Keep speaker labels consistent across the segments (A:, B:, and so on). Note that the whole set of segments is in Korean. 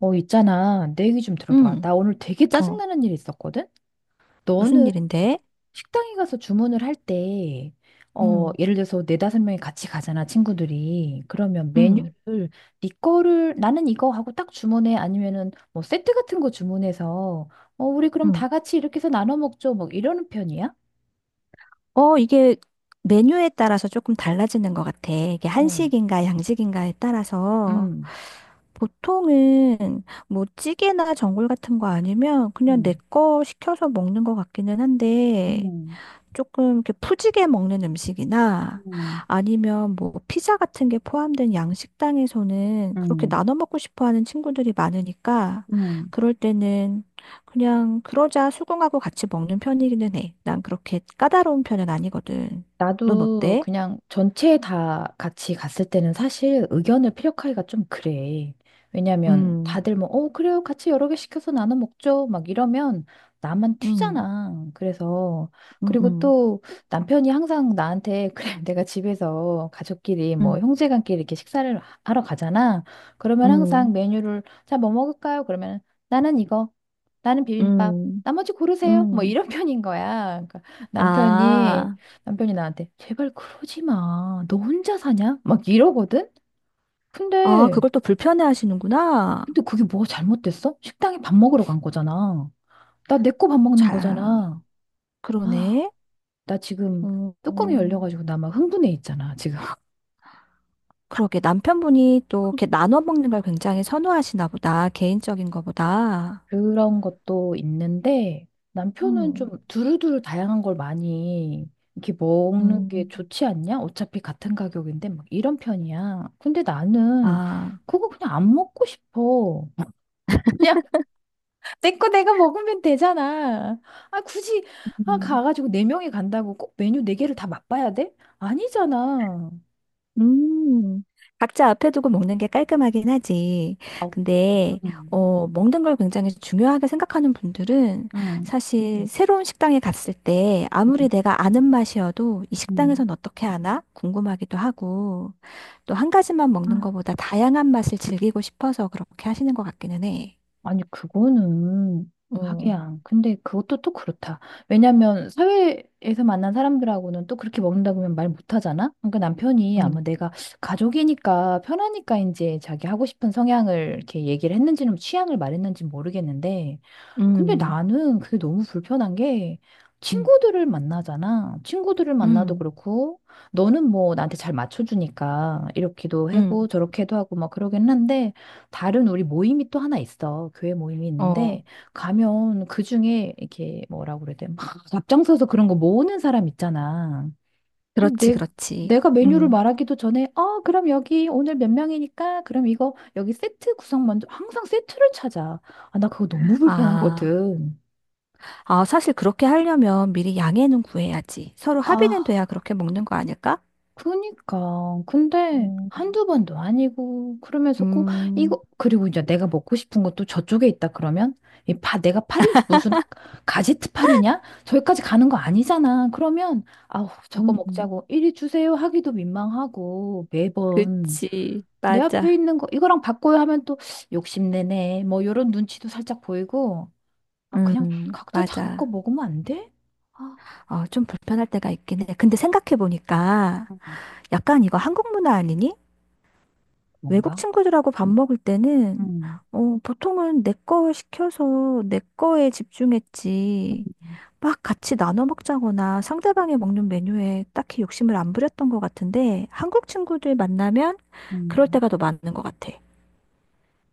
A: 있잖아. 내 얘기 좀 들어봐.
B: 응,
A: 나 오늘 되게
B: 어,
A: 짜증나는 일이 있었거든?
B: 무슨
A: 너는
B: 일인데?
A: 식당에 가서 주문을 할 때,
B: 음.
A: 예를 들어서 네다섯 명이 같이 가잖아, 친구들이. 그러면
B: 음.
A: 메뉴를 네 거를 나는 이거 하고 딱 주문해. 아니면은 뭐 세트 같은 거 주문해서, 우리 그럼
B: 음.
A: 다 같이 이렇게 해서 나눠 먹죠. 막 이러는 편이야?
B: 어, 이게 메뉴에 따라서 조금 달라지는 것 같아. 이게
A: 어,
B: 한식인가 양식인가에 따라서
A: 음,
B: 보통은 뭐 찌개나 전골 같은 거 아니면 그냥 내
A: 음,
B: 거 시켜서 먹는 것 같기는 한데
A: 음,
B: 조금 이렇게 푸지게 먹는 음식이나
A: 음,
B: 아니면 뭐 피자 같은 게 포함된 양식당에서는 그렇게
A: 음.
B: 나눠 먹고 싶어 하는 친구들이 많으니까
A: 음.
B: 그럴 때는 그냥 그러자 수긍하고 같이 먹는 편이기는 해. 난 그렇게 까다로운 편은 아니거든. 넌
A: 나도
B: 어때?
A: 그냥 전체 다 같이 갔을 때는 사실 의견을 피력하기가 좀 그래. 왜냐면
B: 음.
A: 다들 뭐, 그래요. 같이 여러 개 시켜서 나눠 먹죠. 막 이러면 나만
B: 음.
A: 튀잖아. 그래서,
B: 음.
A: 그리고
B: 음.
A: 또 남편이 항상 나한테, 그래, 내가 집에서 가족끼리
B: 음.
A: 뭐 형제간끼리 이렇게 식사를 하러 가잖아. 그러면
B: 음.
A: 항상 메뉴를, 자, 뭐 먹을까요? 그러면 나는 이거, 나는 비빔밥,
B: 음.
A: 나머지 고르세요. 뭐
B: 음.
A: 이런 편인 거야. 그러니까 남편이
B: 아,
A: 남편이 나한테 제발 그러지 마. 너 혼자 사냐? 막 이러거든?
B: 아,
A: 근데,
B: 그걸 또 불편해 하시는구나.
A: 근데 그게 뭐가 잘못됐어? 식당에 밥 먹으러 간 거잖아. 나 내 거 밥 먹는
B: 자,
A: 거잖아. 아,
B: 그러네.
A: 나 지금 뚜껑이
B: 음.
A: 열려가지고 나 막 흥분해 있잖아, 지금.
B: 그러게 남편분이 또 이렇게 나눠 먹는 걸 굉장히 선호하시나 보다. 개인적인 거보다.
A: 그런 것도 있는데 남편은 좀
B: 음.
A: 두루두루 다양한 걸 많이 이렇게 먹는 게
B: 음.
A: 좋지 않냐? 어차피 같은 가격인데 막 이런 편이야. 근데 나는
B: 아.
A: 그거 그냥 안 먹고 싶어. 그냥 내 거 내가 먹으면 되잖아. 아, 굳이, 아,
B: 음.
A: 가가지고 네 명이 간다고 꼭 메뉴 네 개를 다 맛봐야 돼? 아니잖아.
B: 음. 각자 앞에 두고 먹는 게 깔끔하긴 하지.
A: 아,
B: 근데,
A: 음,
B: 어, 먹는 걸 굉장히 중요하게 생각하는 분들은
A: 음,
B: 사실 새로운 식당에 갔을 때 아무리
A: 음,
B: 내가 아는 맛이어도 이
A: 음.
B: 식당에선 어떻게 하나 궁금하기도 하고 또 한 가지만
A: 아,
B: 먹는 것보다 다양한 맛을 즐기고 싶어서 그렇게 하시는 것 같기는 해.
A: 아니, 그거는,
B: 어.
A: 하기야. 근데 그것도 또 그렇다. 왜냐면, 사회에서 만난 사람들하고는 또 그렇게 먹는다고 하면 말 못하잖아? 그러니까 남편이 아마
B: 음.
A: 내가 가족이니까 편하니까 이제 자기 하고 싶은 성향을 이렇게 얘기를 했는지는 취향을 말했는지 모르겠는데, 근데
B: 음.
A: 나는 그게 너무 불편한 게
B: 음.
A: 친구들을 만나잖아. 친구들을 만나도
B: 음.
A: 그렇고 너는 뭐 나한테 잘 맞춰주니까 이렇게도 하고
B: 음.
A: 저렇게도 하고 막 그러긴 한데 다른 우리 모임이 또 하나 있어. 교회 모임이
B: 어,
A: 있는데 가면 그중에 이렇게 뭐라고 그래야 돼? 막 앞장서서 그런 거 모으는 사람 있잖아.
B: 그렇지,
A: 내,
B: 그렇지.
A: 내가 메뉴를
B: 음.
A: 말하기도 전에, 그럼 여기 오늘 몇 명이니까, 그럼 이거 여기 세트 구성 먼저, 항상 세트를 찾아. 아, 나 그거 너무
B: 아,
A: 불편하거든.
B: 아, 사실 그렇게 하려면 미리 양해는 구해야지. 서로 합의는 돼야
A: 아,
B: 그렇게 먹는 거 아닐까?
A: 그니까. 근데
B: 음.
A: 한두 번도 아니고, 그러면서 꼭,
B: 음.
A: 이거, 그리고 이제 내가 먹고 싶은 것도 저쪽에 있다 그러면, 내가 파리? 무슨 가지트 파리냐? 저기까지 가는 거 아니잖아. 그러면, 아우, 저거
B: 음.
A: 먹자고, 이리 주세요 하기도 민망하고, 매번.
B: 그치,
A: 내 앞에
B: 맞아.
A: 있는 거 이거랑 바꿔요 하면 또 욕심내네 뭐 요런 눈치도 살짝 보이고 아 그냥
B: 음.
A: 각자 자기 거
B: 맞아.
A: 먹으면 안 돼? 아
B: 어, 좀 불편할 때가 있긴 해. 근데 생각해보니까
A: 음,
B: 약간 이거 한국 문화 아니니? 외국
A: 뭔가
B: 친구들하고 밥 먹을 때는
A: 음,
B: 어, 보통은 내 거 시켜서 내 거에 집중했지. 막 같이 나눠 먹자거나 상대방이 먹는 메뉴에 딱히 욕심을 안 부렸던 것 같은데 한국 친구들 만나면 그럴
A: 음.
B: 때가 더 많은 것 같아.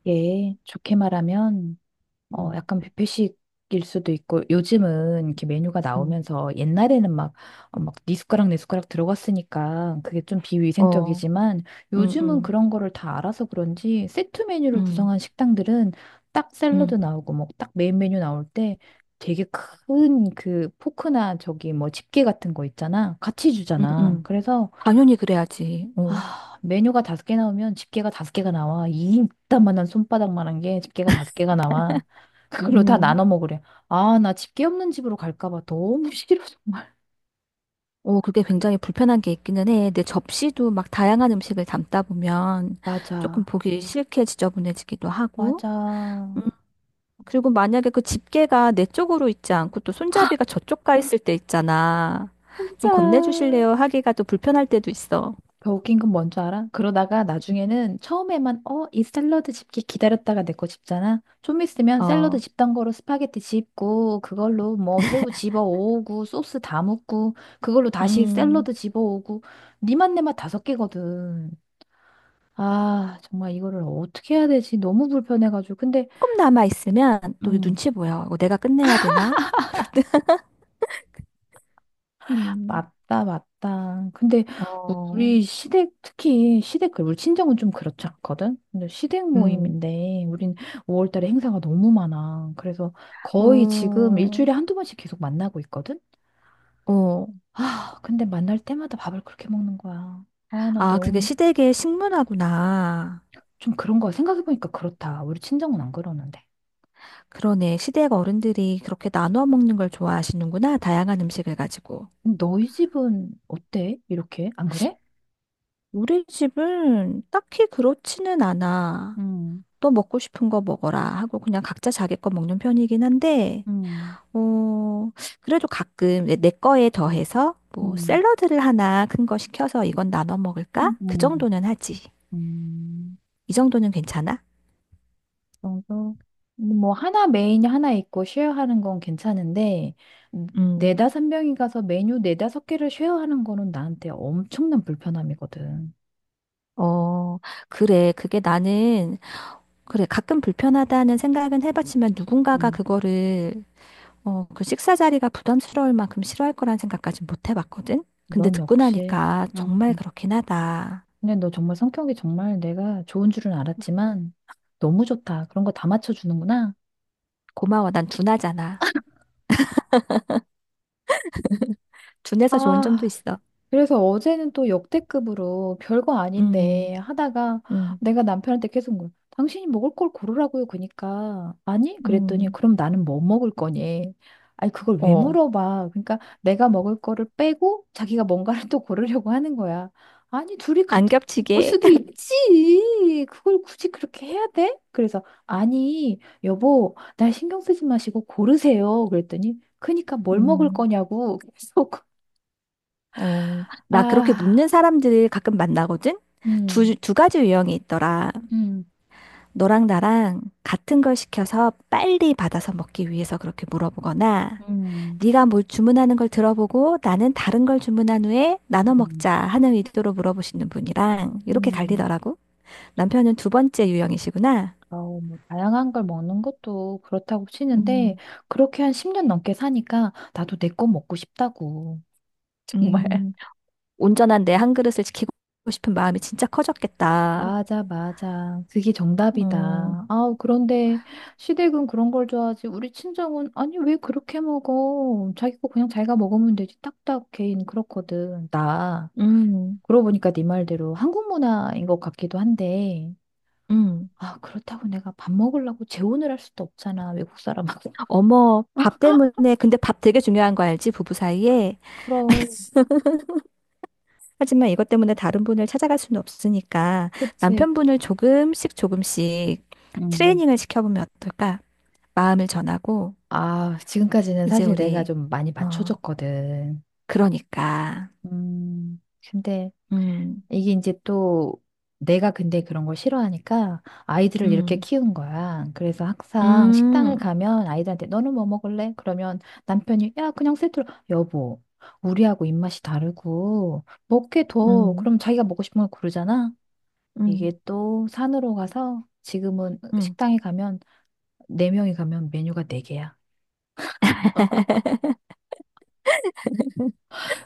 A: 예 좋게 말하면
B: 음.
A: 약간 뷔페식일 수도 있고, 요즘은 이렇게 메뉴가
B: 음.
A: 나오면서 옛날에는 막, 막, 네 숟가락, 내 숟가락 들어갔으니까 그게 좀
B: 어.
A: 비위생적이지만
B: 음.
A: 요즘은
B: 음.
A: 그런 거를 다 알아서 그런지 세트 메뉴를
B: 음.
A: 구성한 식당들은 딱 샐러드
B: 음.
A: 나오고, 뭐, 딱 메인 메뉴 나올 때 되게 큰 그 포크나 저기 뭐 집게 같은 거 있잖아. 같이
B: 음.
A: 주잖아.
B: 음.
A: 그래서
B: 당연히 그래야지. 어.
A: 아, 메뉴가 다섯 개 나오면 집게가 다섯 개가 나와. 이 이따만한 손바닥만한 게 집게가 다섯 개가 나와. 그걸로 다
B: 음.
A: 나눠 먹으래. 아, 나 집게 없는 집으로 갈까 봐 너무 싫어, 정말.
B: 어, 그게 굉장히 불편한 게 있기는 해. 내 접시도 막 다양한 음식을 담다 보면 조금
A: 맞아.
B: 보기 싫게 지저분해지기도 하고.
A: 맞아.
B: 그리고 만약에 그 집게가 내 쪽으로 있지 않고 또 손잡이가 저쪽 가 있을 때 있잖아. 좀
A: 맞아.
B: 건네주실래요? 하기가 또 불편할 때도 있어.
A: 더 웃긴 건 뭔 줄 알아? 그러다가 나중에는 처음에만 이 샐러드 집기 기다렸다가 내 거 집잖아. 좀 있으면 샐러드
B: 어.
A: 집던 거로 스파게티 집고 그걸로 뭐 새우 집어 오고 소스 다 묻고 그걸로 다시
B: 음.
A: 샐러드 집어 오고 니 맛 내 맛 다섯 개거든. 아, 정말 이거를 어떻게 해야 되지? 너무 불편해가지고. 근데
B: 조금 남아 있으면 또
A: 음,
B: 눈치 보여. 이거 내가 끝내야 되나? 그럴 때, 음.
A: 맞다, 맞다. 근데
B: 어.
A: 우리 시댁, 특히 시댁, 그 우리 친정은 좀 그렇지 않거든? 근데 시댁
B: 음.
A: 모임인데, 우린 5월 달에 행사가 너무 많아. 그래서 거의 지금
B: 어.
A: 일주일에 한두 번씩 계속 만나고 있거든?
B: 어.
A: 아, 근데 만날 때마다 밥을 그렇게 먹는 거야. 아, 나
B: 아, 그게
A: 너무,
B: 시댁의 식문화구나.
A: 좀 그런 거야. 생각해보니까 그렇다. 우리 친정은 안 그러는데.
B: 그러네. 시댁 어른들이 그렇게 나눠 먹는 걸 좋아하시는구나. 다양한 음식을 가지고.
A: 너희 집은 어때? 이렇게? 안 그래?
B: 우리 집은 딱히 그렇지는 않아.
A: 음,
B: 너 먹고 싶은 거 먹어라 하고 그냥 각자 자기 거 먹는 편이긴 한데,
A: 음,
B: 어, 그래도 가끔 내 거에 더해서 뭐
A: 음,
B: 샐러드를 하나 큰 거 시켜서 이건 나눠 먹을까?
A: 음,
B: 그 정도는 하지.
A: 음.
B: 이 정도는 괜찮아?
A: 정도? 뭐 하나 메인이 하나 있고 쉐어하는 건 괜찮은데 음,
B: 음.
A: 네다섯 명이 가서 메뉴 네다섯 개를 쉐어하는 거는 나한테 엄청난 불편함이거든.
B: 어, 그래. 그게 나는, 그래. 가끔 불편하다는 생각은 해봤지만 누군가가
A: 음,
B: 그거를 어, 그 식사 자리가 부담스러울 만큼 싫어할 거란 생각까진 못 해봤거든? 근데
A: 넌
B: 듣고
A: 역시.
B: 나니까
A: 음,
B: 정말
A: 음.
B: 그렇긴 하다.
A: 근데 너 정말 성격이 정말 내가 좋은 줄은 알았지만 너무 좋다. 그런 거 다 맞춰주는구나.
B: 고마워, 난 둔하잖아. 둔해서 좋은 점도
A: 아,
B: 있어.
A: 그래서 어제는 또 역대급으로 별거
B: 음.
A: 아닌데 하다가
B: 음.
A: 내가 남편한테 계속 물 당신이 먹을 걸 고르라고요. 그러니까 아니? 그랬더니
B: 음.
A: 그럼 나는 뭐 먹을 거니? 아니 그걸 왜
B: 어.
A: 물어봐? 그러니까 내가 먹을 거를 빼고 자기가 뭔가를 또 고르려고 하는 거야. 아니 둘이
B: 안
A: 같은 거 먹을
B: 겹치게.
A: 수도 있지. 그걸 굳이 그렇게 해야 돼? 그래서 아니 여보 날 신경 쓰지 마시고 고르세요. 그랬더니 그러니까 뭘 먹을
B: 음.
A: 거냐고 계속
B: 어. 나 그렇게
A: 아.
B: 묻는 사람들을 가끔 만나거든?
A: 음,
B: 두 가지 유형이 있더라.
A: 음,
B: 너랑 나랑 같은 걸 시켜서 빨리 받아서 먹기 위해서 그렇게 물어보거나,
A: 음,
B: 네가 뭘 주문하는 걸 들어보고 나는 다른 걸 주문한 후에 나눠
A: 음,
B: 먹자 하는 의도로 물어보시는 분이랑 이렇게
A: 음.
B: 갈리더라고. 남편은 두 번째 유형이시구나.
A: 아우, 뭐, 다양한 걸 먹는 것도 그렇다고 치는데,
B: 음.
A: 그렇게 한 10년 넘게 사니까, 나도 내 거 먹고 싶다고. 정말.
B: 음. 온전한 내 한 그릇을 지키고 싶은 마음이 진짜 커졌겠다.
A: 맞아, 맞아. 그게
B: 음.
A: 정답이다. 아우, 그런데, 시댁은 그런 걸 좋아하지. 우리 친정은, 아니, 왜 그렇게 먹어? 자기 거 그냥 자기가 먹으면 되지. 딱딱 개인 그렇거든.
B: 음.
A: 그러고 보니까 네 말대로 한국 문화인 것 같기도 한데,
B: 음.
A: 아, 그렇다고 내가 밥 먹으려고 재혼을 할 수도 없잖아, 외국 사람하고.
B: 어머, 밥 때문에, 근데 밥 되게 중요한 거 알지? 부부 사이에.
A: 그럼,
B: 하지만 이것 때문에 다른 분을 찾아갈 수는 없으니까
A: 그치.
B: 남편분을 조금씩 조금씩
A: 음.
B: 트레이닝을 시켜보면 어떨까? 마음을 전하고,
A: 아, 지금까지는
B: 이제
A: 사실 내가
B: 우리,
A: 좀 많이
B: 어,
A: 맞춰줬거든.
B: 그러니까,
A: 음, 근데
B: 음.
A: 이게 이제 또 내가 근데 그런 걸 싫어하니까 아이들을 이렇게
B: 음.
A: 키운 거야. 그래서 항상 식당을
B: 음.
A: 가면 아이들한테 너는 뭐 먹을래? 그러면 남편이 야, 그냥 세트로 여보, 우리하고 입맛이 다르고 먹게 더
B: 음.
A: 그럼 자기가 먹고 싶은 걸 고르잖아.
B: 음.
A: 이게 또 산으로 가서 지금은
B: 음.
A: 식당에 가면 네 명이 가면 메뉴가 네 개야.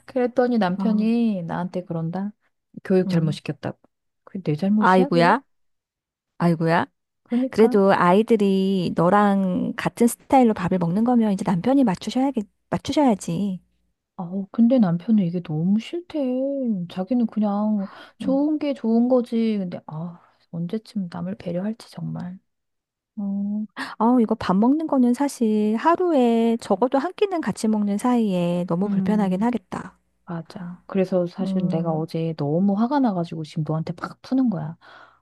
A: 그랬더니
B: 어.
A: 남편이 나한테 그런다. 교육 잘못
B: 음.
A: 시켰다고. 그게 내 잘못이야, 그게?
B: 아이고야, 아이고야.
A: 그러니까.
B: 그래도 아이들이 너랑 같은 스타일로 밥을 먹는 거면 이제 남편이 맞추셔야지.
A: 아우, 근데 남편은 이게 너무 싫대. 자기는 그냥
B: 음.
A: 좋은 게 좋은 거지. 근데 아, 언제쯤 남을 배려할지 정말.
B: 음. 어, 이거 밥 먹는 거는 사실 하루에 적어도 한 끼는 같이 먹는 사이에 너무 불편하긴
A: 음.
B: 하겠다.
A: 맞아. 그래서 사실 내가
B: 음.
A: 어제 너무 화가 나가지고 지금 너한테 팍 푸는 거야.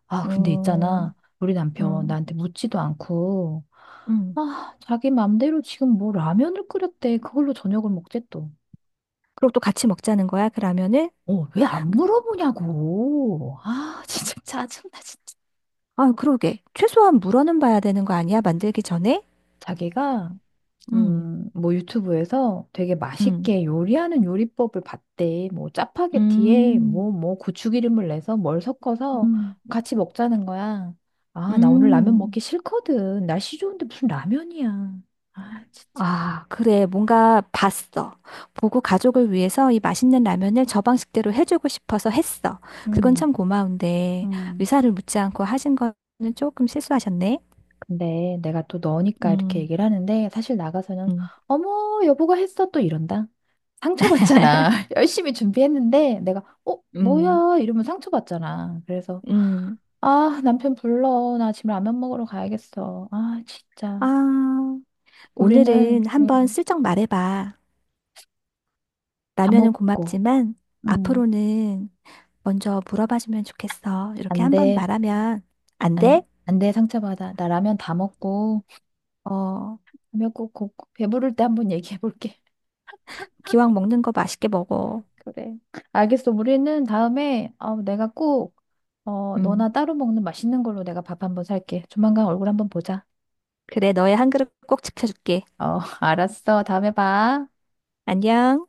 A: 아, 근데
B: 음.
A: 있잖아. 우리 남편
B: 음.
A: 나한테 묻지도 않고,
B: 음.
A: 아, 자기 맘대로 지금 뭐 라면을 끓였대. 그걸로 저녁을 먹재 또.
B: 그리고 또 같이 먹자는 거야? 그러면은,
A: 왜 안 물어보냐고. 아, 진짜 짜증나, 진짜.
B: 아, 그러게. 최소한 물어는 봐야 되는 거 아니야? 만들기 전에?
A: 자기가,
B: 음.
A: 뭐 유튜브에서 되게
B: 음.
A: 맛있게 요리하는 요리법을 봤대. 뭐 짜파게티에
B: 음.
A: 뭐 고추기름을 내서 뭘 섞어서
B: 음.
A: 같이 먹자는 거야. 아, 나 오늘 라면
B: 음.
A: 먹기 싫거든. 날씨 좋은데 무슨 라면이야. 아, 진짜.
B: 아, 그래. 뭔가 봤어. 보고 가족을 위해서 이 맛있는 라면을 저 방식대로 해주고 싶어서 했어. 그건
A: 음.
B: 참 고마운데,
A: 음,
B: 의사를 묻지 않고 하신 거는 조금 실수하셨네.
A: 근데 내가 또 너니까 이렇게
B: 음.
A: 얘기를 하는데 사실 나가서는
B: 음.
A: 어머, 여보가 했어 또 이런다. 상처받잖아. 열심히 준비했는데 내가
B: 음.
A: 뭐야 이러면 상처받잖아. 그래서
B: 음.
A: 아, 남편 불러. 나 지금 라면 먹으러 가야겠어. 아, 진짜.
B: 아, 오늘은
A: 우리는
B: 한번 슬쩍 말해봐.
A: 다
B: 라면은
A: 먹고.
B: 고맙지만
A: 음,
B: 앞으로는 먼저 물어봐주면 좋겠어. 이렇게
A: 안
B: 한번
A: 돼.
B: 말하면 안 돼?
A: 안 돼. 상처받아. 나 라면 다 먹고.
B: 어,
A: 라면 꼭, 꼭, 꼭 배부를 때 한번 얘기해 볼게.
B: 기왕 먹는 거 맛있게 먹어.
A: 그래. 알겠어. 우리는 다음에 내가 꼭
B: 음,
A: 너나 따로 먹는 맛있는 걸로 내가 밥 한번 살게. 조만간 얼굴 한번 보자.
B: 그래, 너의 한 그릇 꼭 지켜줄게.
A: 알았어. 다음에 봐.
B: 안녕.